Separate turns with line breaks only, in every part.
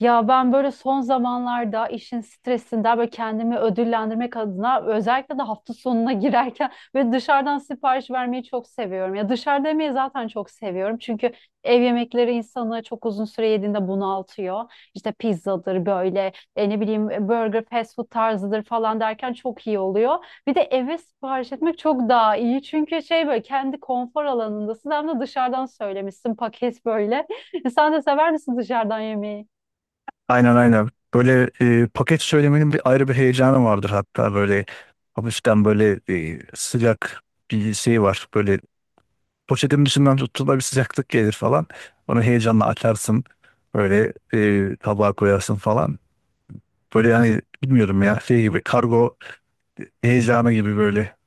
Ya ben böyle son zamanlarda işin stresinden böyle kendimi ödüllendirmek adına özellikle de hafta sonuna girerken böyle dışarıdan sipariş vermeyi çok seviyorum. Ya dışarıda yemeği zaten çok seviyorum. Çünkü ev yemekleri insanı çok uzun süre yediğinde bunaltıyor. İşte pizzadır böyle ne bileyim burger fast food tarzıdır falan derken çok iyi oluyor. Bir de eve sipariş etmek çok daha iyi. Çünkü şey böyle kendi konfor alanındasın hem de dışarıdan söylemişsin paket böyle. Sen de sever misin dışarıdan yemeği?
Aynen, aynen. Böyle paket söylemenin bir ayrı heyecanı vardır, hatta böyle hafiften böyle sıcak bir şey var. Böyle poşetin dışından tuttuğunda bir sıcaklık gelir falan. Onu heyecanla açarsın. Böyle tabağa koyarsın falan. Böyle, yani bilmiyorum ya, şey gibi kargo heyecanı gibi böyle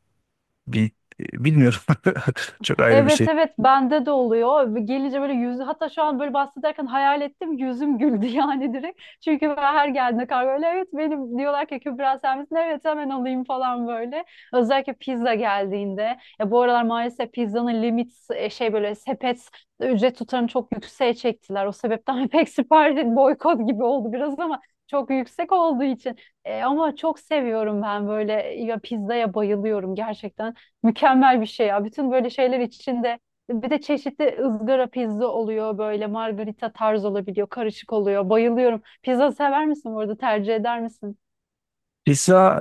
bir bilmiyorum. Çok ayrı bir
Evet,
şey.
evet, bende de oluyor. Gelince böyle yüz hatta şu an böyle bahsederken hayal ettim yüzüm güldü yani direkt. Çünkü ben her geldiğinde kargo öyle evet benim diyorlar ki Kübra sen misin? Evet hemen alayım falan böyle. Özellikle pizza geldiğinde. Ya bu aralar maalesef pizzanın limit şey böyle sepet ücret tutarını çok yükseğe çektiler. O sebepten pek sipariş boykot gibi oldu biraz ama çok yüksek olduğu için. Ama çok seviyorum ben böyle ya pizzaya bayılıyorum gerçekten. Mükemmel bir şey ya. Bütün böyle şeyler içinde bir de çeşitli ızgara pizza oluyor böyle margarita tarz olabiliyor. Karışık oluyor. Bayılıyorum. Pizza sever misin bu arada? Tercih eder misin?
Pizza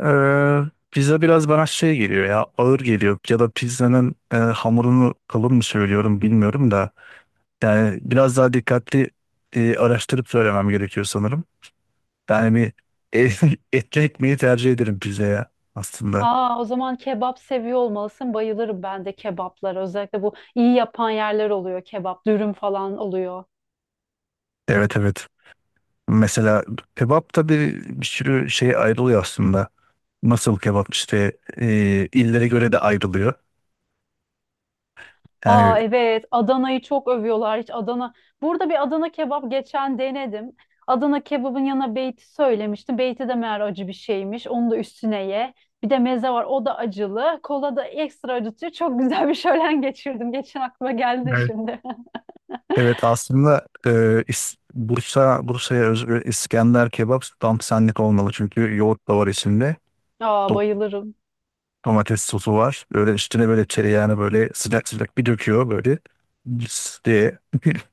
Pizza biraz bana şey geliyor ya, ağır geliyor, ya da pizzanın hamurunu kalın mı söylüyorum bilmiyorum da. Yani biraz daha dikkatli araştırıp söylemem gerekiyor sanırım. Yani bir etli ekmeği tercih ederim pizzaya aslında.
Aa, o zaman kebap seviyor olmalısın. Bayılırım ben de kebaplara. Özellikle bu iyi yapan yerler oluyor. Kebap, dürüm falan oluyor.
Evet, evet. Mesela kebap da bir sürü şey ayrılıyor aslında. Nasıl kebap, işte illere göre de ayrılıyor.
Aa,
Yani
evet, Adana'yı çok övüyorlar hiç Adana. Burada bir Adana kebap geçen denedim. Adana kebabın yanına beyti söylemiştim. Beyti de meğer acı bir şeymiş. Onu da üstüne ye. Bir de meze var o da acılı. Kola da ekstra acıtıyor. Çok güzel bir şölen geçirdim. Geçen aklıma geldi
evet.
şimdi.
Evet aslında Bursa'ya özgü İskender kebap tam senlik olmalı, çünkü yoğurt da var içinde.
Aa, bayılırım.
Domates sosu var. Böyle üstüne böyle tereyağını böyle sıcak sıcak bir döküyor böyle. Lıs diye.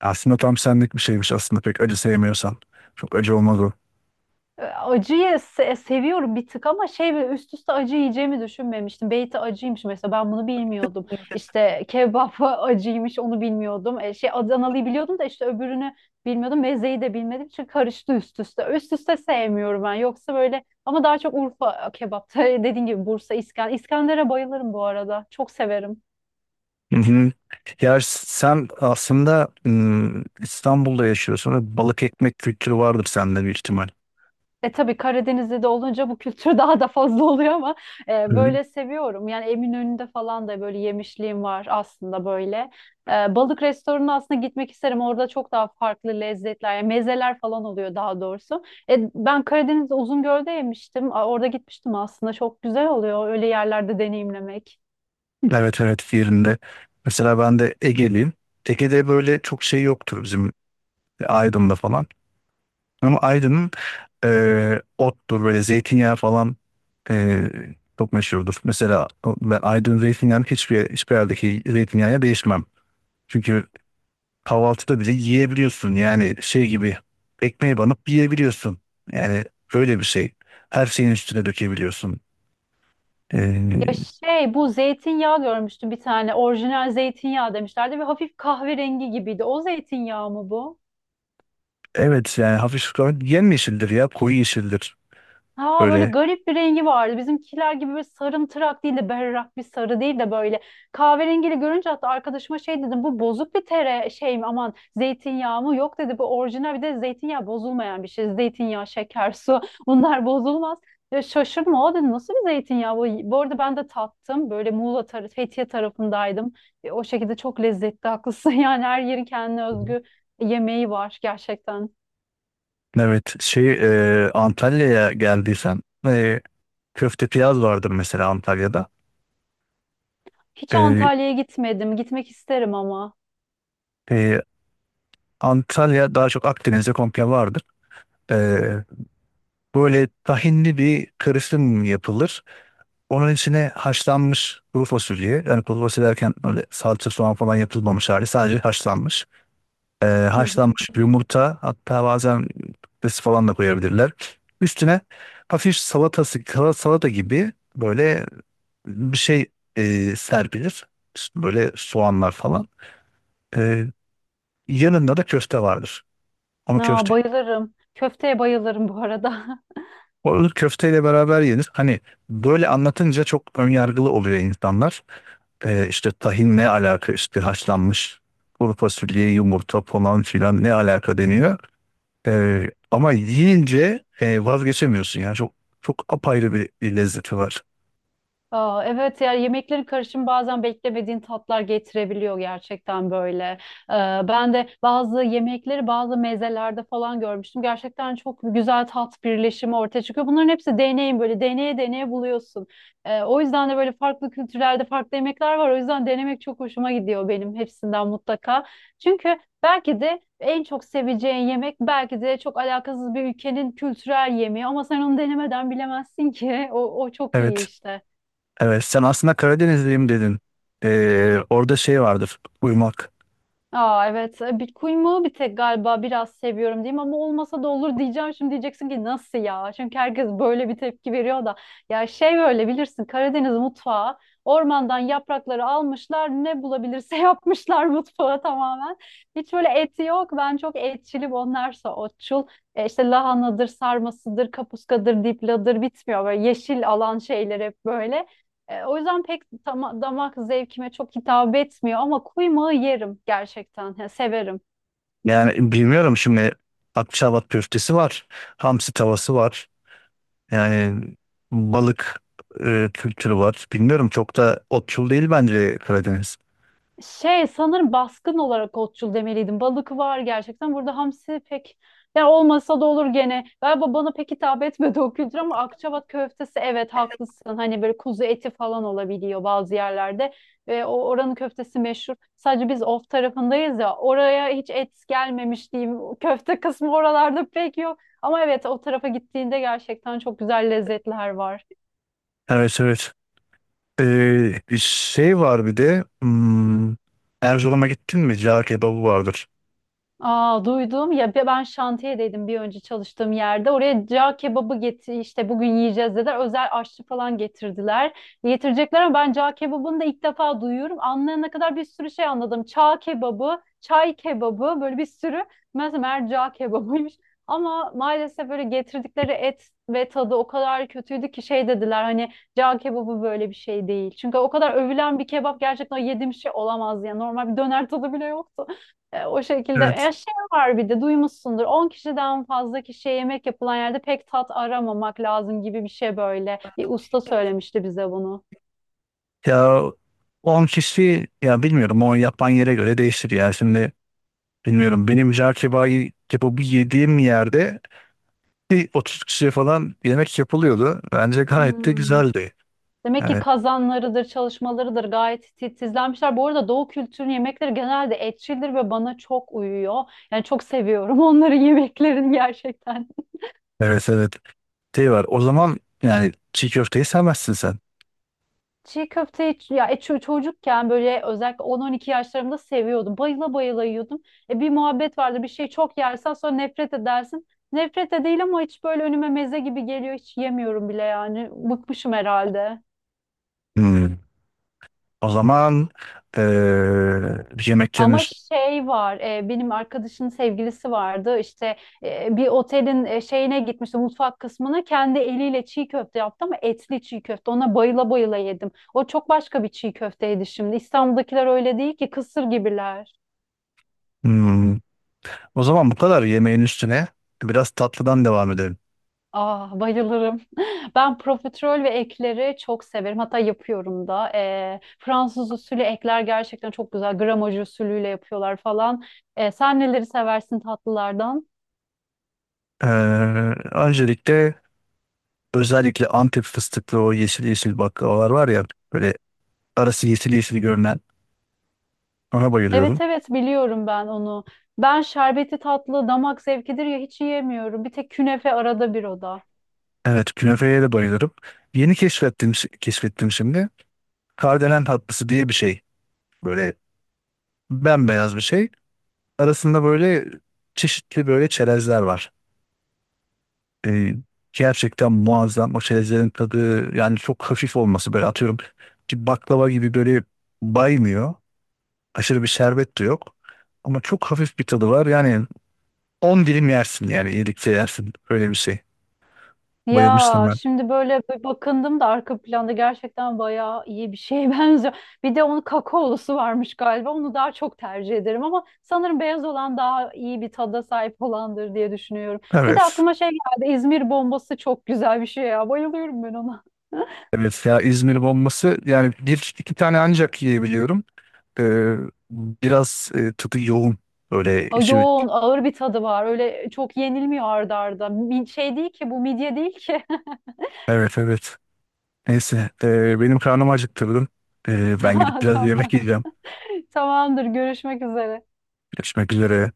Aslında tam senlik bir şeymiş aslında, pek acı sevmiyorsan. Çok acı olmaz o.
Acıyı seviyorum bir tık ama şey böyle üst üste acı yiyeceğimi düşünmemiştim. Beyti acıymış mesela ben bunu bilmiyordum. İşte kebap acıymış onu bilmiyordum. Şey Adanalı'yı biliyordum da işte öbürünü bilmiyordum. Mezeyi de bilmediğim için karıştı üst üste. Üst üste sevmiyorum ben. Yoksa böyle ama daha çok Urfa kebap. dediğin gibi Bursa, İskan. İskender'e bayılırım bu arada. Çok severim.
Hı hı. Ya sen aslında İstanbul'da yaşıyorsun ve balık ekmek kültürü vardır sende bir ihtimal.
E tabii Karadeniz'de de olunca bu kültür daha da fazla oluyor ama
Hı.
böyle seviyorum. Yani Eminönü'nde falan da böyle yemişliğim var aslında böyle. Balık restoranına aslında gitmek isterim. Orada çok daha farklı lezzetler, yani mezeler falan oluyor daha doğrusu. Ben Karadeniz'de Uzungöl'de yemiştim. A, orada gitmiştim aslında. Çok güzel oluyor öyle yerlerde deneyimlemek.
Evet, evet, yerinde. Mesela ben de Ege'liyim. Ege'de böyle çok şey yoktur bizim, Aydın'da falan. Ama Aydın'ın, ottur, böyle zeytinyağı falan ee, çok meşhurdur. Mesela ben Aydın zeytinyağını hiçbir yerdeki zeytinyağına değişmem. Çünkü kahvaltıda bile yiyebiliyorsun. Yani şey gibi, ekmeğe banıp yiyebiliyorsun. Yani öyle bir şey. Her şeyin üstüne dökebiliyorsun.
Ya
Ee,
şey bu zeytinyağı görmüştüm bir tane. Orijinal zeytinyağı demişlerdi ve hafif kahverengi gibiydi. O zeytinyağı mı bu?
evet, yani hafif yemyeşildir ya, koyu yeşildir.
Ha böyle
Böyle.
garip bir rengi vardı. Bizimkiler gibi böyle sarımtırak değil de berrak bir sarı değil de böyle kahverengili görünce hatta arkadaşıma şey dedim bu bozuk bir tere şey mi aman zeytinyağı mı? Yok dedi bu orijinal bir de zeytinyağı bozulmayan bir şey. Zeytinyağı, şeker, su bunlar bozulmaz. Ya şaşırma o dedi nasıl bir zeytinyağı bu? Bu arada ben de tattım böyle Muğla tarafı Fethiye tarafındaydım. O şekilde çok lezzetli haklısın yani her yerin kendine
Hı hı.
özgü yemeği var gerçekten.
Evet, şey, Antalya'ya geldiysen köfte piyaz vardır mesela Antalya'da.
Hiç
E,
Antalya'ya gitmedim. Gitmek isterim ama.
e, Antalya daha çok Akdeniz'de komple vardır. Ee, böyle tahinli bir karışım yapılır. Onun içine haşlanmış kuru fasulye. Yani kuru fasulye derken, öyle salça, soğan falan yapılmamış hali. Sadece haşlanmış.
Hı hı.
Haşlanmış yumurta, hatta bazen patates falan da koyabilirler. Üstüne hafif salatası, kara salata gibi böyle bir şey serpilir. Böyle soğanlar falan. Ee, yanında da köfte vardır. Ama
Aa,
köfte,
bayılırım. Köfteye bayılırım bu arada.
o ılık köfteyle beraber yenir. Hani böyle anlatınca çok önyargılı oluyor insanlar. İşte tahin ne alaka, işte haşlanmış kuru fasulye, yumurta falan filan ne alaka deniyor. Ama yiyince vazgeçemiyorsun yani, çok apayrı bir lezzeti var.
Aa, evet yani yemeklerin karışımı bazen beklemediğin tatlar getirebiliyor gerçekten böyle. Ben de bazı yemekleri bazı mezelerde falan görmüştüm. Gerçekten çok güzel tat birleşimi ortaya çıkıyor. Bunların hepsi deneyim böyle deneye deneye buluyorsun. O yüzden de böyle farklı kültürlerde farklı yemekler var. O yüzden denemek çok hoşuma gidiyor benim hepsinden mutlaka. Çünkü belki de en çok seveceğin yemek belki de çok alakasız bir ülkenin kültürel yemeği ama sen onu denemeden bilemezsin ki. O çok iyi
Evet.
işte.
Evet, sen aslında Karadenizliyim dedin. Orada şey vardır, uyumak.
Aa, evet. Bitcoin bir tek galiba biraz seviyorum diyeyim ama olmasa da olur diyeceğim. Şimdi diyeceksin ki nasıl ya? Çünkü herkes böyle bir tepki veriyor da. Ya şey böyle bilirsin Karadeniz mutfağı ormandan yaprakları almışlar ne bulabilirse yapmışlar mutfağa tamamen. Hiç böyle eti yok. Ben çok etçilim onlarsa otçul. İşte lahanadır, sarmasıdır, kapuskadır, dipladır bitmiyor. Böyle yeşil alan şeyler hep böyle. O yüzden pek damak zevkime çok hitap etmiyor ama kuymağı yerim gerçekten. Ya, severim.
Yani bilmiyorum şimdi, Akçaabat köftesi var, hamsi tavası var. Yani balık kültürü var. Bilmiyorum, çok da otçul değil bence Karadeniz.
Şey sanırım baskın olarak otçul demeliydim. Balık var gerçekten. Burada hamsi pek yani olmasa da olur gene. Galiba bana pek hitap etmedi o kültür ama Akçabat köftesi evet haklısın. Hani böyle kuzu eti falan olabiliyor bazı yerlerde. Ve o oranın köftesi meşhur. Sadece biz of tarafındayız ya oraya hiç et gelmemiş diyeyim. O köfte kısmı oralarda pek yok. Ama evet o tarafa gittiğinde gerçekten çok güzel lezzetler var.
Evet, evet. Bir şey var bir de. Erzurum'a gittin mi? Cağ kebabı vardır.
Aa, duydum ya ben şantiyedeydim bir önce çalıştığım yerde. Oraya cağ kebabı getir işte bugün yiyeceğiz dediler. Özel aşçı falan getirdiler. Getirecekler ama ben cağ kebabını da ilk defa duyuyorum. Anlayana kadar bir sürü şey anladım. Çağ kebabı, çay kebabı böyle bir sürü. Mesela meğer cağ kebabıymış. Ama maalesef böyle getirdikleri et ve tadı o kadar kötüydü ki şey dediler hani cağ kebabı böyle bir şey değil. Çünkü o kadar övülen bir kebap gerçekten yediğim şey olamaz ya. Normal bir döner tadı bile yoktu. O şekilde.
Evet.
Şey var bir de duymuşsundur. 10 kişiden fazla kişiye yemek yapılan yerde pek tat aramamak lazım gibi bir şey böyle. Bir usta söylemişti bize bunu.
Ya 10 kişi ya, bilmiyorum, o yapan yere göre değişir ya. Şimdi bilmiyorum, benim cağ kebabı yediğim yerde bir 30 kişiye falan yemek yapılıyordu. Bence gayet de
Hmm.
güzeldi.
Demek ki
Yani
kazanlarıdır, çalışmalarıdır gayet titizlenmişler. Bu arada Doğu kültürünün yemekleri genelde etçildir ve bana çok uyuyor. Yani çok seviyorum onların yemeklerini gerçekten.
evet, evet, şey var. O zaman yani çiğ köfteyi sevmezsin sen.
Çiğ köfteyi ya çocukken böyle özellikle 10-12 yaşlarımda seviyordum. Bayıla bayıla yiyordum. Bir muhabbet vardı. Bir şeyi çok yersen sonra nefret edersin. Nefret de değil ama hiç böyle önüme meze gibi geliyor. Hiç yemiyorum bile yani. Bıkmışım herhalde.
Hmm. O zaman eee yemeklerin
Ama şey var, benim arkadaşın sevgilisi vardı. İşte bir otelin şeyine gitmişti, mutfak kısmına. Kendi eliyle çiğ köfte yaptı ama etli çiğ köfte. Ona bayıla bayıla yedim. O çok başka bir çiğ köfteydi şimdi. İstanbul'dakiler öyle değil ki, kısır gibiler.
hmm. O zaman bu kadar yemeğin üstüne biraz tatlıdan devam edelim.
Ah, bayılırım. Ben profiterol ve ekleri çok severim. Hatta yapıyorum da. Fransız usulü ekler gerçekten çok güzel. Gramaj usulüyle yapıyorlar falan. Sen neleri seversin tatlılardan?
Eee, öncelikle, özellikle Antep fıstıklı o yeşil yeşil baklavalar var ya, böyle arası yeşil yeşil görünen, ona bayılıyorum.
Evet, evet, biliyorum ben onu. Ben şerbeti tatlı damak zevkidir ya hiç yiyemiyorum. Bir tek künefe arada bir o da.
Evet, künefeye de bayılırım. Yeni keşfettim şimdi. Kardelen tatlısı diye bir şey. Böyle bembeyaz bir şey. Arasında böyle çeşitli böyle çerezler var. Ee, gerçekten muazzam o çerezlerin tadı. Yani çok hafif olması, böyle atıyorum ki baklava gibi böyle baymıyor. Aşırı bir şerbet de yok. Ama çok hafif bir tadı var. Yani 10 dilim yersin, yani iyilikçe yersin. Öyle bir şey. Bayılmıştım
Ya
ben.
şimdi böyle bir bakındım da arka planda gerçekten bayağı iyi bir şeye benziyor. Bir de onun kakaolusu varmış galiba. Onu daha çok tercih ederim ama sanırım beyaz olan daha iyi bir tada sahip olandır diye düşünüyorum. Bir de
Evet.
aklıma şey geldi. İzmir bombası çok güzel bir şey ya. Bayılıyorum ben ona.
Evet ya, İzmir bombası yani bir iki tane ancak yiyebiliyorum. Ee, biraz tadı yoğun. Öyle
A,
içi.
yoğun, ağır bir tadı var. Öyle çok yenilmiyor arda arda. Şey değil ki bu midye değil ki.
Evet, evet. Neyse. Benim karnım acıktırdım. Ben gidip
Tamam,
biraz
tamam.
yemek yiyeceğim.
Tamamdır, görüşmek üzere.
Görüşmek üzere.